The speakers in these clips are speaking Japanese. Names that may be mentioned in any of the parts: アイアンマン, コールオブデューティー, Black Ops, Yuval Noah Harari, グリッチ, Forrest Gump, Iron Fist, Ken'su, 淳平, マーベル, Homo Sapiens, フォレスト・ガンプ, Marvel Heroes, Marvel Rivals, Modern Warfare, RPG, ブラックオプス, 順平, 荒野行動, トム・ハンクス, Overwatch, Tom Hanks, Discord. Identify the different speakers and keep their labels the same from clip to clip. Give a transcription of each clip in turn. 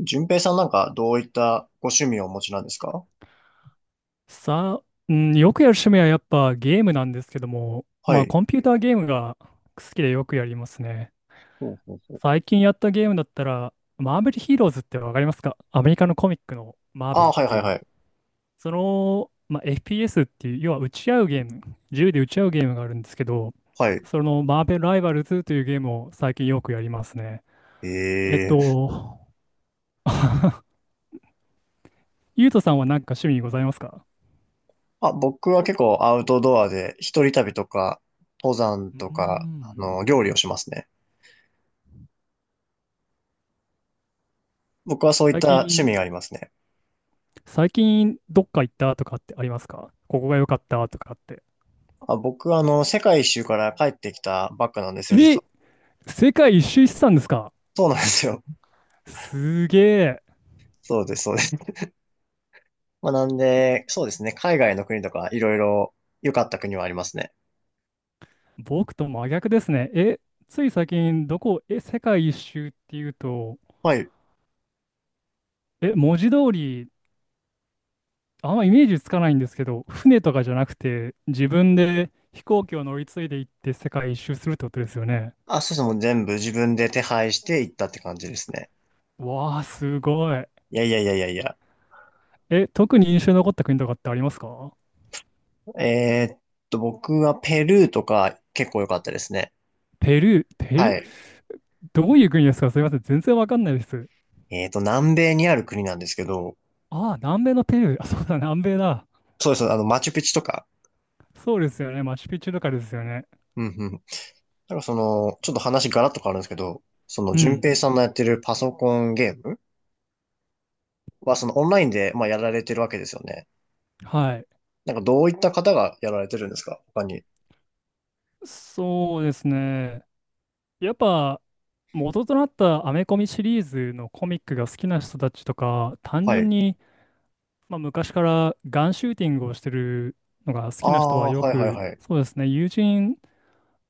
Speaker 1: 順平さん、なんかどういったご趣味をお持ちなんですか？
Speaker 2: さあ、うん、よくやる趣味はやっぱゲームなんですけども、
Speaker 1: は
Speaker 2: まあ
Speaker 1: い。
Speaker 2: コンピューターゲームが好きでよくやりますね。
Speaker 1: ほうほうほう。
Speaker 2: 最近やったゲームだったら、マーベルヒーローズってわかりますか？アメリカのコミックのマーベル
Speaker 1: あ、
Speaker 2: っ
Speaker 1: はい
Speaker 2: て
Speaker 1: はい
Speaker 2: い
Speaker 1: は
Speaker 2: う、
Speaker 1: い。
Speaker 2: その、まあ、FPS っていう、要は撃ち合うゲーム、銃で撃ち合うゲームがあるんですけど、
Speaker 1: はい。
Speaker 2: そのマーベルライバルズというゲームを最近よくやりますね。えっ
Speaker 1: ええ。
Speaker 2: と、ゆうとさんは何か趣味ございますか？
Speaker 1: あ、僕は結構アウトドアで一人旅とか、登山
Speaker 2: うー
Speaker 1: とか、
Speaker 2: ん。
Speaker 1: 料理をしますね。僕はそういっ
Speaker 2: 最
Speaker 1: た趣
Speaker 2: 近、
Speaker 1: 味がありますね。
Speaker 2: 最近どっか行ったとかってありますか？ここが良かったとかって。
Speaker 1: あ、僕は世界一周から帰ってきたばっかなんですよ、実
Speaker 2: え、
Speaker 1: は。
Speaker 2: 世界一周してたんですか？
Speaker 1: そうなんですよ。
Speaker 2: すげえ。
Speaker 1: そうです、そうです。まあ、なんで、そうですね。海外の国とか、いろいろ良かった国はありますね。
Speaker 2: 僕と真逆ですね。え、つい最近どこ、え、世界一周っていうと、
Speaker 1: はい。
Speaker 2: え、文字通り、あんまイメージつかないんですけど、船とかじゃなくて、自分で飛行機を乗り継いで行って世界一周するってことですよね。
Speaker 1: あ、そうですね。もう全部自分で手配して行ったって感じですね。
Speaker 2: わあ、すごい。
Speaker 1: いやいやいやいやいや。
Speaker 2: え、特に印象に残った国とかってありますか？
Speaker 1: えーっ僕はペルーとか結構良かったですね。
Speaker 2: ペルー、ペ
Speaker 1: は
Speaker 2: ルー、
Speaker 1: い。
Speaker 2: どういう国ですか？すみません、全然わかんないです。
Speaker 1: 南米にある国なんですけど、
Speaker 2: ああ、南米のペルー。あ、そうだ、南米だ。
Speaker 1: そうです、マチュピチュとか。
Speaker 2: そうですよね。マチュピチュとかですよね。
Speaker 1: うんうん。なんかちょっと話ガラッと変わるんですけど、
Speaker 2: う
Speaker 1: 淳
Speaker 2: ん。
Speaker 1: 平さんのやってるパソコンゲームは、オンラインで、まあ、やられてるわけですよね。
Speaker 2: はい。
Speaker 1: なんか、どういった方がやられてるんですか、他に？
Speaker 2: そうですね。やっぱ、元となったアメコミシリーズのコミックが好きな人たちとか、単
Speaker 1: は
Speaker 2: 純
Speaker 1: い。
Speaker 2: に、まあ、昔からガンシューティングをしてるのが好
Speaker 1: あ
Speaker 2: きな人は
Speaker 1: あ、
Speaker 2: よ
Speaker 1: はいはい
Speaker 2: く、
Speaker 1: はい。
Speaker 2: そうですね。友人、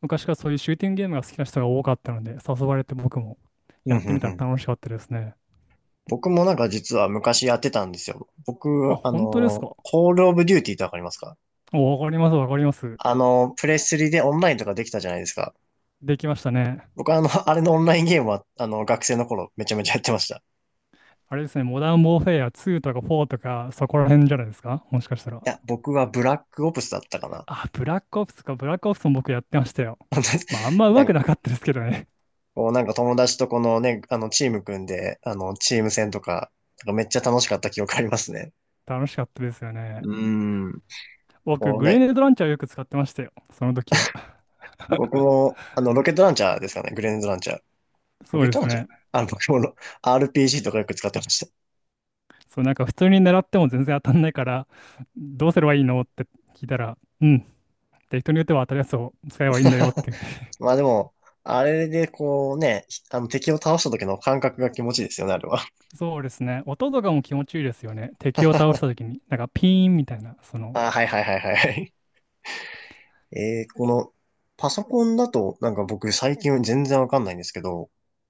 Speaker 2: 昔からそういうシューティングゲームが好きな人が多かったので、誘われて僕も
Speaker 1: う
Speaker 2: や
Speaker 1: ん
Speaker 2: っ
Speaker 1: う
Speaker 2: て
Speaker 1: ん
Speaker 2: みた
Speaker 1: う
Speaker 2: ら
Speaker 1: ん。
Speaker 2: 楽しかったですね。
Speaker 1: 僕もなんか実は昔やってたんですよ。
Speaker 2: あ、
Speaker 1: 僕、
Speaker 2: 本当ですか。
Speaker 1: コールオブデューティーってわかりますか？
Speaker 2: おわかります、わかります。
Speaker 1: プレスリでオンラインとかできたじゃないですか。
Speaker 2: できましたね。
Speaker 1: 僕はあれのオンラインゲームは、学生の頃めちゃめちゃやってました。い
Speaker 2: あれですね、モダン・ウォーフェア2とか4とか、そこら辺じゃないですか？もしかしたら。
Speaker 1: や、僕はブラックオプスだったかな。
Speaker 2: あ、ブラックオプスか、ブラックオプスも僕やってましたよ。まあ、あんま上
Speaker 1: な
Speaker 2: 手く
Speaker 1: んか、
Speaker 2: なかったですけどね。
Speaker 1: こうなんか友達とこのね、チーム組んで、チーム戦とか、なんかめっちゃ楽しかった記憶ありますね。
Speaker 2: 楽しかったですよね。
Speaker 1: うーん。
Speaker 2: 僕、
Speaker 1: こう
Speaker 2: グレ
Speaker 1: ね、
Speaker 2: ネードランチャーをよく使ってましたよ。その時は。
Speaker 1: 僕も、ロケットランチャーですかね、グレネードランチャー。ロ
Speaker 2: そう
Speaker 1: ケッ
Speaker 2: で
Speaker 1: ト
Speaker 2: す
Speaker 1: ランチャー
Speaker 2: ね。
Speaker 1: 僕もRPG とかよく使ってました。
Speaker 2: そう、なんか普通に狙っても全然当たんないから、どうすればいいのって聞いたら、うん。で、人に打っては当たるやつを使えばいいんだよっていうふうに。
Speaker 1: まあでも、あれでこうね、敵を倒した時の感覚が気持ちいいですよね、あれは。
Speaker 2: そうですね。音とかも気持ちいいですよね。敵を倒した時に。なんかピーンみたいな、その、
Speaker 1: ああ、はいはいはいはい。えー、この、パソコンだと、なんか僕最近全然わかんないんですけど、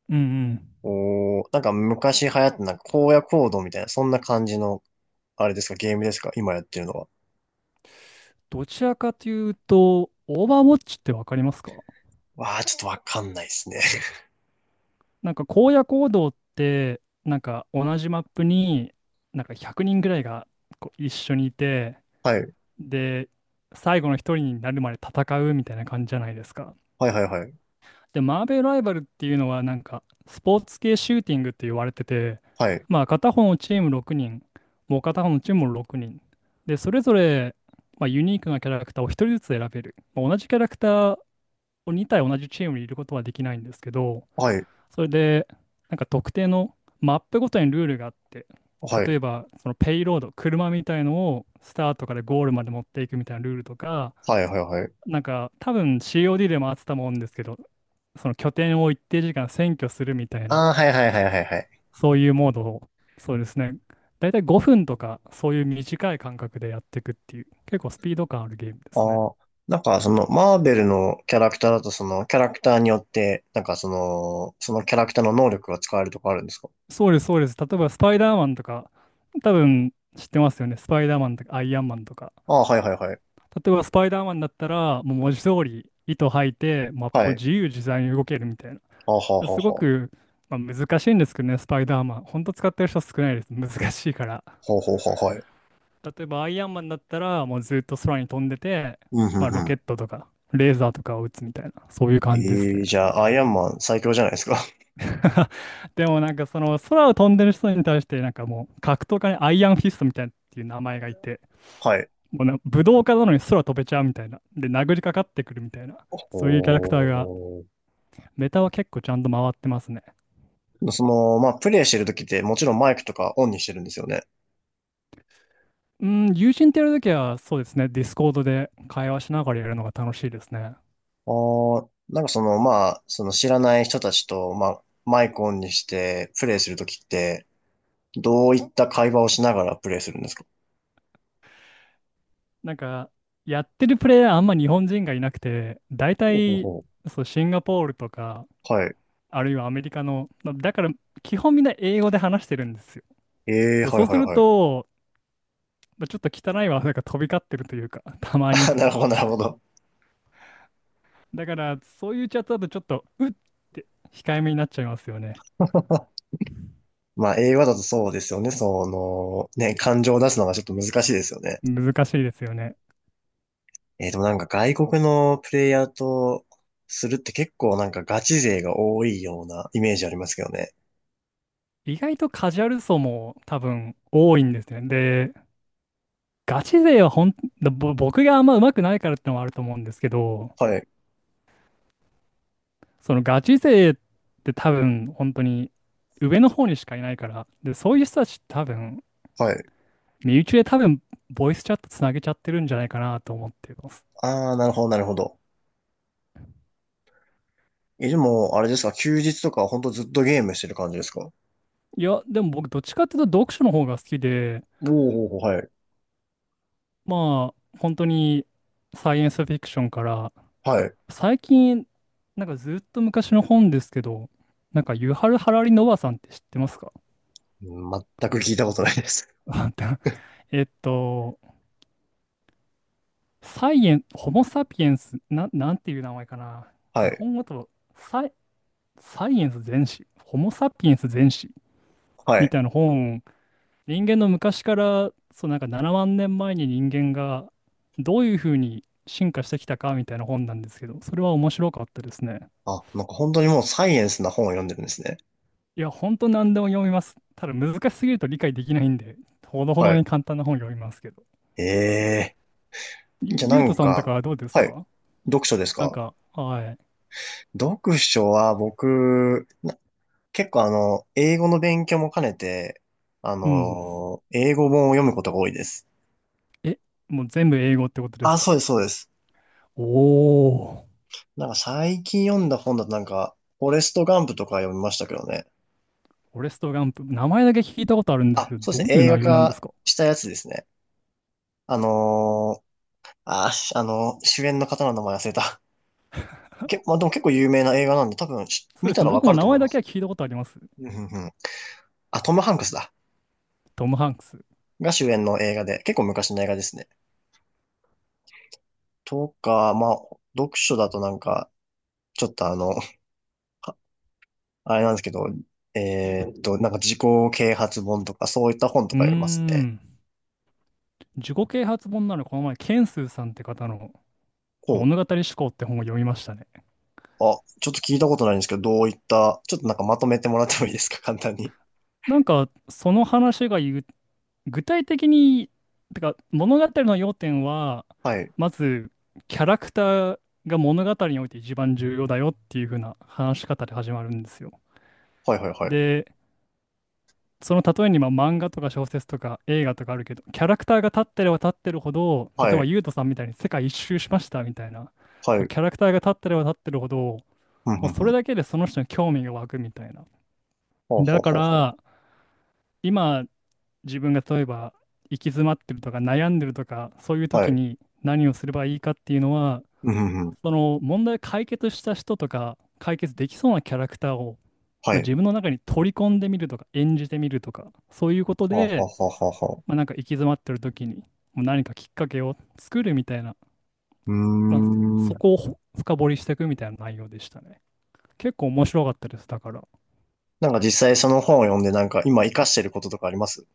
Speaker 2: うんうん。
Speaker 1: なんか昔流行ってなんか荒野行動みたいな、そんな感じの、あれですか、ゲームですか、今やってるのは？
Speaker 2: どちらかというと、オーバーウォッチってわかりますか？
Speaker 1: わー、ちょっとわかんないですね。
Speaker 2: なんか荒野行動って、なんか同じマップに、なんか100人ぐらいがこう一緒にいて、
Speaker 1: はい。
Speaker 2: で、最後の一人になるまで戦うみたいな感じじゃないですか。
Speaker 1: はいはいはい。
Speaker 2: で、マーベルライバルっていうのは、なんかスポーツ系シューティングって言われてて、
Speaker 1: はい。
Speaker 2: まあ片方のチーム6人、もう片方のチームも6人。で、それぞれ、まあ、ユニークなキャラクターを一人ずつ選べる。まあ同じキャラクター2体同じチームにいることはできないんですけど、
Speaker 1: はい。
Speaker 2: それで、なんか特定のマップごとにルールがあって、
Speaker 1: はい。
Speaker 2: 例えばそのペイロード、車みたいのをスタートからゴールまで持っていくみたいなルールとか、
Speaker 1: はいはいはい。
Speaker 2: なんか多分 COD でもあってたもんですけど、その拠点を一定時間占拠するみたいな、
Speaker 1: あー、はいはいはいはいはい。
Speaker 2: そういうモードを、そうですね、大体5分とか、そういう短い間隔でやっていくっていう、結構スピード感あるゲ
Speaker 1: あー、はいはいはいはい
Speaker 2: ームですね。
Speaker 1: はい。あ、なんかマーベルのキャラクターだとキャラクターによって、なんかそのキャラクターの能力が使えるとかあるんですか？
Speaker 2: そうです、そうです。例えば、スパイダーマンとか、多分知ってますよね。スパイダーマンとか、アイアンマンとか。
Speaker 1: ああー、はいはいはい。
Speaker 2: 例えば、スパイダーマンだったら、もう文字通り、糸吐いて、マップ
Speaker 1: は
Speaker 2: を
Speaker 1: い。
Speaker 2: 自由自在に動けるみたい
Speaker 1: あーはーは
Speaker 2: な。
Speaker 1: ー
Speaker 2: すご
Speaker 1: はー。
Speaker 2: く、まあ、難しいんですけどね、スパイダーマン。本当使ってる人少ないです。難しいから。
Speaker 1: ほうほうほう、はい。
Speaker 2: 例えば、アイアンマンだったら、もうずっと空に飛んでて、
Speaker 1: うん、う
Speaker 2: まあ、ロ
Speaker 1: ん、う
Speaker 2: ケッ
Speaker 1: ん。
Speaker 2: トとか、レーザーとかを撃つみたいな、そういう感じです
Speaker 1: え
Speaker 2: ね。
Speaker 1: じゃあ、アイアンマン最強じゃないですか。
Speaker 2: でもなんかその空を飛んでる人に対してなんかもう格闘家にアイアンフィストみたいなっていう名前がいて
Speaker 1: はい。
Speaker 2: もうな、武道家なのに空飛べちゃうみたいな。で、殴りかかってくるみたいな。そういうキャラクターが、
Speaker 1: ほ
Speaker 2: メタは結構ちゃんと回ってますね。
Speaker 1: う、まあ、プレイしてる時ってもちろんマイクとかオンにしてるんですよね。
Speaker 2: うん、友人とやるときは、そうですね、ディスコードで会話しながらやるのが楽しいですね。
Speaker 1: なんかまあ、知らない人たちと、まあ、マイクオンにしてプレイする時って、どういった会話をしながらプレイするんですか？
Speaker 2: なんか、やってるプレイヤーあんま日本人がいなくて、大
Speaker 1: ほうほう
Speaker 2: 体、
Speaker 1: ほ
Speaker 2: そう、シンガポールとか、
Speaker 1: う。はい。
Speaker 2: あるいはアメリカの、まあだから、基本みんな英語で話してるんですよ。
Speaker 1: え
Speaker 2: で、
Speaker 1: は
Speaker 2: そ
Speaker 1: い
Speaker 2: うす
Speaker 1: はい
Speaker 2: る
Speaker 1: はい。
Speaker 2: と、まあちょっと汚い技が飛び交ってるというか、たま に。
Speaker 1: なるほど、なるほど。
Speaker 2: だから、そういうチャットだとちょっと、うって控えめになっちゃいますよね。
Speaker 1: まあ、映画だとそうですよね。ね、感情を出すのがちょっと難しいですよね。
Speaker 2: 難しいですよね。
Speaker 1: でもなんか外国のプレイヤーとするって結構なんかガチ勢が多いようなイメージありますけどね。
Speaker 2: 意外とカジュアル層も多分多いんですね。で、ガチ勢はほん、ぼ僕があんま上手くないからってのもあると思うんですけど、
Speaker 1: はい、
Speaker 2: そのガチ勢って多分本当に上の方にしかいないから、で、そういう人たちって多分、
Speaker 1: はい。
Speaker 2: 身内で多分ボイスチャットつなげちゃってるんじゃないかなと思ってます。
Speaker 1: ああ、なるほど、なるほど。え、でも、あれですか、休日とかはほんとずっとゲームしてる感じですか？お
Speaker 2: いや、でも僕どっちかっていうと読書の方が好きで、
Speaker 1: おー、はい、
Speaker 2: まあ、本当にサイエンスフィクションから、
Speaker 1: はい。
Speaker 2: 最近、なんかずっと昔の本ですけど、なんかユハル・ハラリ・ノバさんって知ってますか？
Speaker 1: うん、全く聞いたことないです。
Speaker 2: えっと、サイエン、ホモ・サピエンス、なんていう名前かな。
Speaker 1: は
Speaker 2: 日
Speaker 1: い、
Speaker 2: 本語だとサイ、サイエンス全史、ホモ・サピエンス全史
Speaker 1: は
Speaker 2: み
Speaker 1: い。
Speaker 2: たいな本、人間の昔から、そうなんか7万年前に人間がどういうふうに進化してきたかみたいな本なんですけど、それは面白かったですね。
Speaker 1: あ、なんか本当にもうサイエンスな本を読んでるんですね。
Speaker 2: いや、ほんと何でも読みます。ただ難しすぎると理解できないんで、ほどほ
Speaker 1: は
Speaker 2: どに
Speaker 1: い。
Speaker 2: 簡単な本読みますけど。
Speaker 1: ええー、じゃあな
Speaker 2: ゆうと
Speaker 1: ん
Speaker 2: さんとか
Speaker 1: か、
Speaker 2: はどうです
Speaker 1: はい。
Speaker 2: か？
Speaker 1: 読書です
Speaker 2: なん
Speaker 1: か？
Speaker 2: か、はい。
Speaker 1: 読書は僕、結構英語の勉強も兼ねて、
Speaker 2: うん。
Speaker 1: 英語本を読むことが多いです。
Speaker 2: え、もう全部英語ってことで
Speaker 1: あ、
Speaker 2: すか？
Speaker 1: そうです、そうです。
Speaker 2: おー。
Speaker 1: なんか最近読んだ本だとなんか、フォレスト・ガンプとか読みましたけどね。
Speaker 2: フォレスト・ガンプ。名前だけ聞いたことあるんです
Speaker 1: あ、
Speaker 2: けど、
Speaker 1: そうで
Speaker 2: どう
Speaker 1: すね、
Speaker 2: いう
Speaker 1: 映画
Speaker 2: 内容なんです
Speaker 1: 化
Speaker 2: か？
Speaker 1: したやつですね。あのー、あ、あの主演の方の名前忘れた。まあ、でも結構有名な映画なんで、多分
Speaker 2: そう
Speaker 1: 見
Speaker 2: で
Speaker 1: た
Speaker 2: すね。
Speaker 1: らわ
Speaker 2: 僕
Speaker 1: か
Speaker 2: も
Speaker 1: ると
Speaker 2: 名
Speaker 1: 思い
Speaker 2: 前
Speaker 1: ま
Speaker 2: だけ
Speaker 1: す
Speaker 2: は
Speaker 1: よ。
Speaker 2: 聞いたことあります。
Speaker 1: うんうんうん。あ、トム・ハンクスだ。
Speaker 2: トム・ハンクス。う
Speaker 1: が主演の映画で、結構昔の映画ですね。とか、まあ、読書だとなんか、ちょっとあれなんですけど、なんか自己啓発本とかそういった本と
Speaker 2: ー
Speaker 1: か読みますね。
Speaker 2: ん。自己啓発本ならこの前、ケンスーさんって方の
Speaker 1: こ
Speaker 2: 物語
Speaker 1: う。
Speaker 2: 思考って本を読みましたね。
Speaker 1: あ、ちょっと聞いたことないんですけど、どういった、ちょっとなんかまとめてもらってもいいですか、簡単に。
Speaker 2: なんか、その話が言う具体的に、てか物語の要点は、
Speaker 1: はい。
Speaker 2: まずキャラクターが物語において一番重要だよっていう風な話し方で始まるんですよ。
Speaker 1: はいはいはい。
Speaker 2: で、その例えにまあ漫画とか小説とか映画とかあるけど、キャラクターが立ってれば立ってるほど、例え
Speaker 1: は
Speaker 2: ば
Speaker 1: い。
Speaker 2: ユウトさんみたいに世界一周しましたみたいな、そ
Speaker 1: は
Speaker 2: う、
Speaker 1: い。
Speaker 2: キャラクターが立ってれば立ってるほど、も
Speaker 1: ふんふ
Speaker 2: う
Speaker 1: ん
Speaker 2: そ
Speaker 1: ふ
Speaker 2: れ
Speaker 1: ん。
Speaker 2: だけでその人に興味が湧くみたいな。
Speaker 1: ほうほう
Speaker 2: だか
Speaker 1: ほうほ
Speaker 2: ら、今自分が例えば行き詰まってるとか悩んでるとかそういう
Speaker 1: う。は
Speaker 2: 時
Speaker 1: い。
Speaker 2: に何をすればいいかっていうのは
Speaker 1: うんふんふん。
Speaker 2: その問題を解決した人とか解決できそうなキャラクターを、
Speaker 1: は
Speaker 2: まあ、
Speaker 1: い。
Speaker 2: 自分の中に取り込んでみるとか演じてみるとかそういうこと
Speaker 1: ははは
Speaker 2: で、
Speaker 1: ははうほうほ
Speaker 2: まあ、なんか行き詰まってる時にもう何かきっかけを作るみたいな、
Speaker 1: う。うー
Speaker 2: まあ、そ
Speaker 1: ん。
Speaker 2: こを深掘りしていくみたいな内容でしたね。結構面白かったです。だから。
Speaker 1: なんか実際その本を読んでなんか今活かしてることとかあります？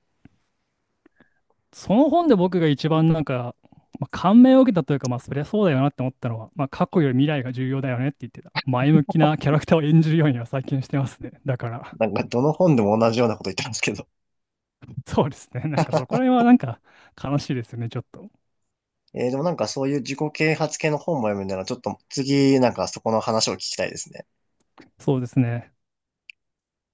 Speaker 2: その本で僕が一番なんか、まあ、感銘を受けたというか、まあ、そりゃそうだよなって思ったのは、まあ、過去より未来が重要だよねって言ってた。前向きなキャラクターを演じるようには最近してますね。だから、
Speaker 1: なんかどの本でも同じようなこと言ってますけど。
Speaker 2: そうですね。なんかそこら辺はなんか悲しいですよね、ちょっと。
Speaker 1: でもなんかそういう自己啓発系の本も読むならちょっと次なんかそこの話を聞きたいですね。
Speaker 2: そうですね。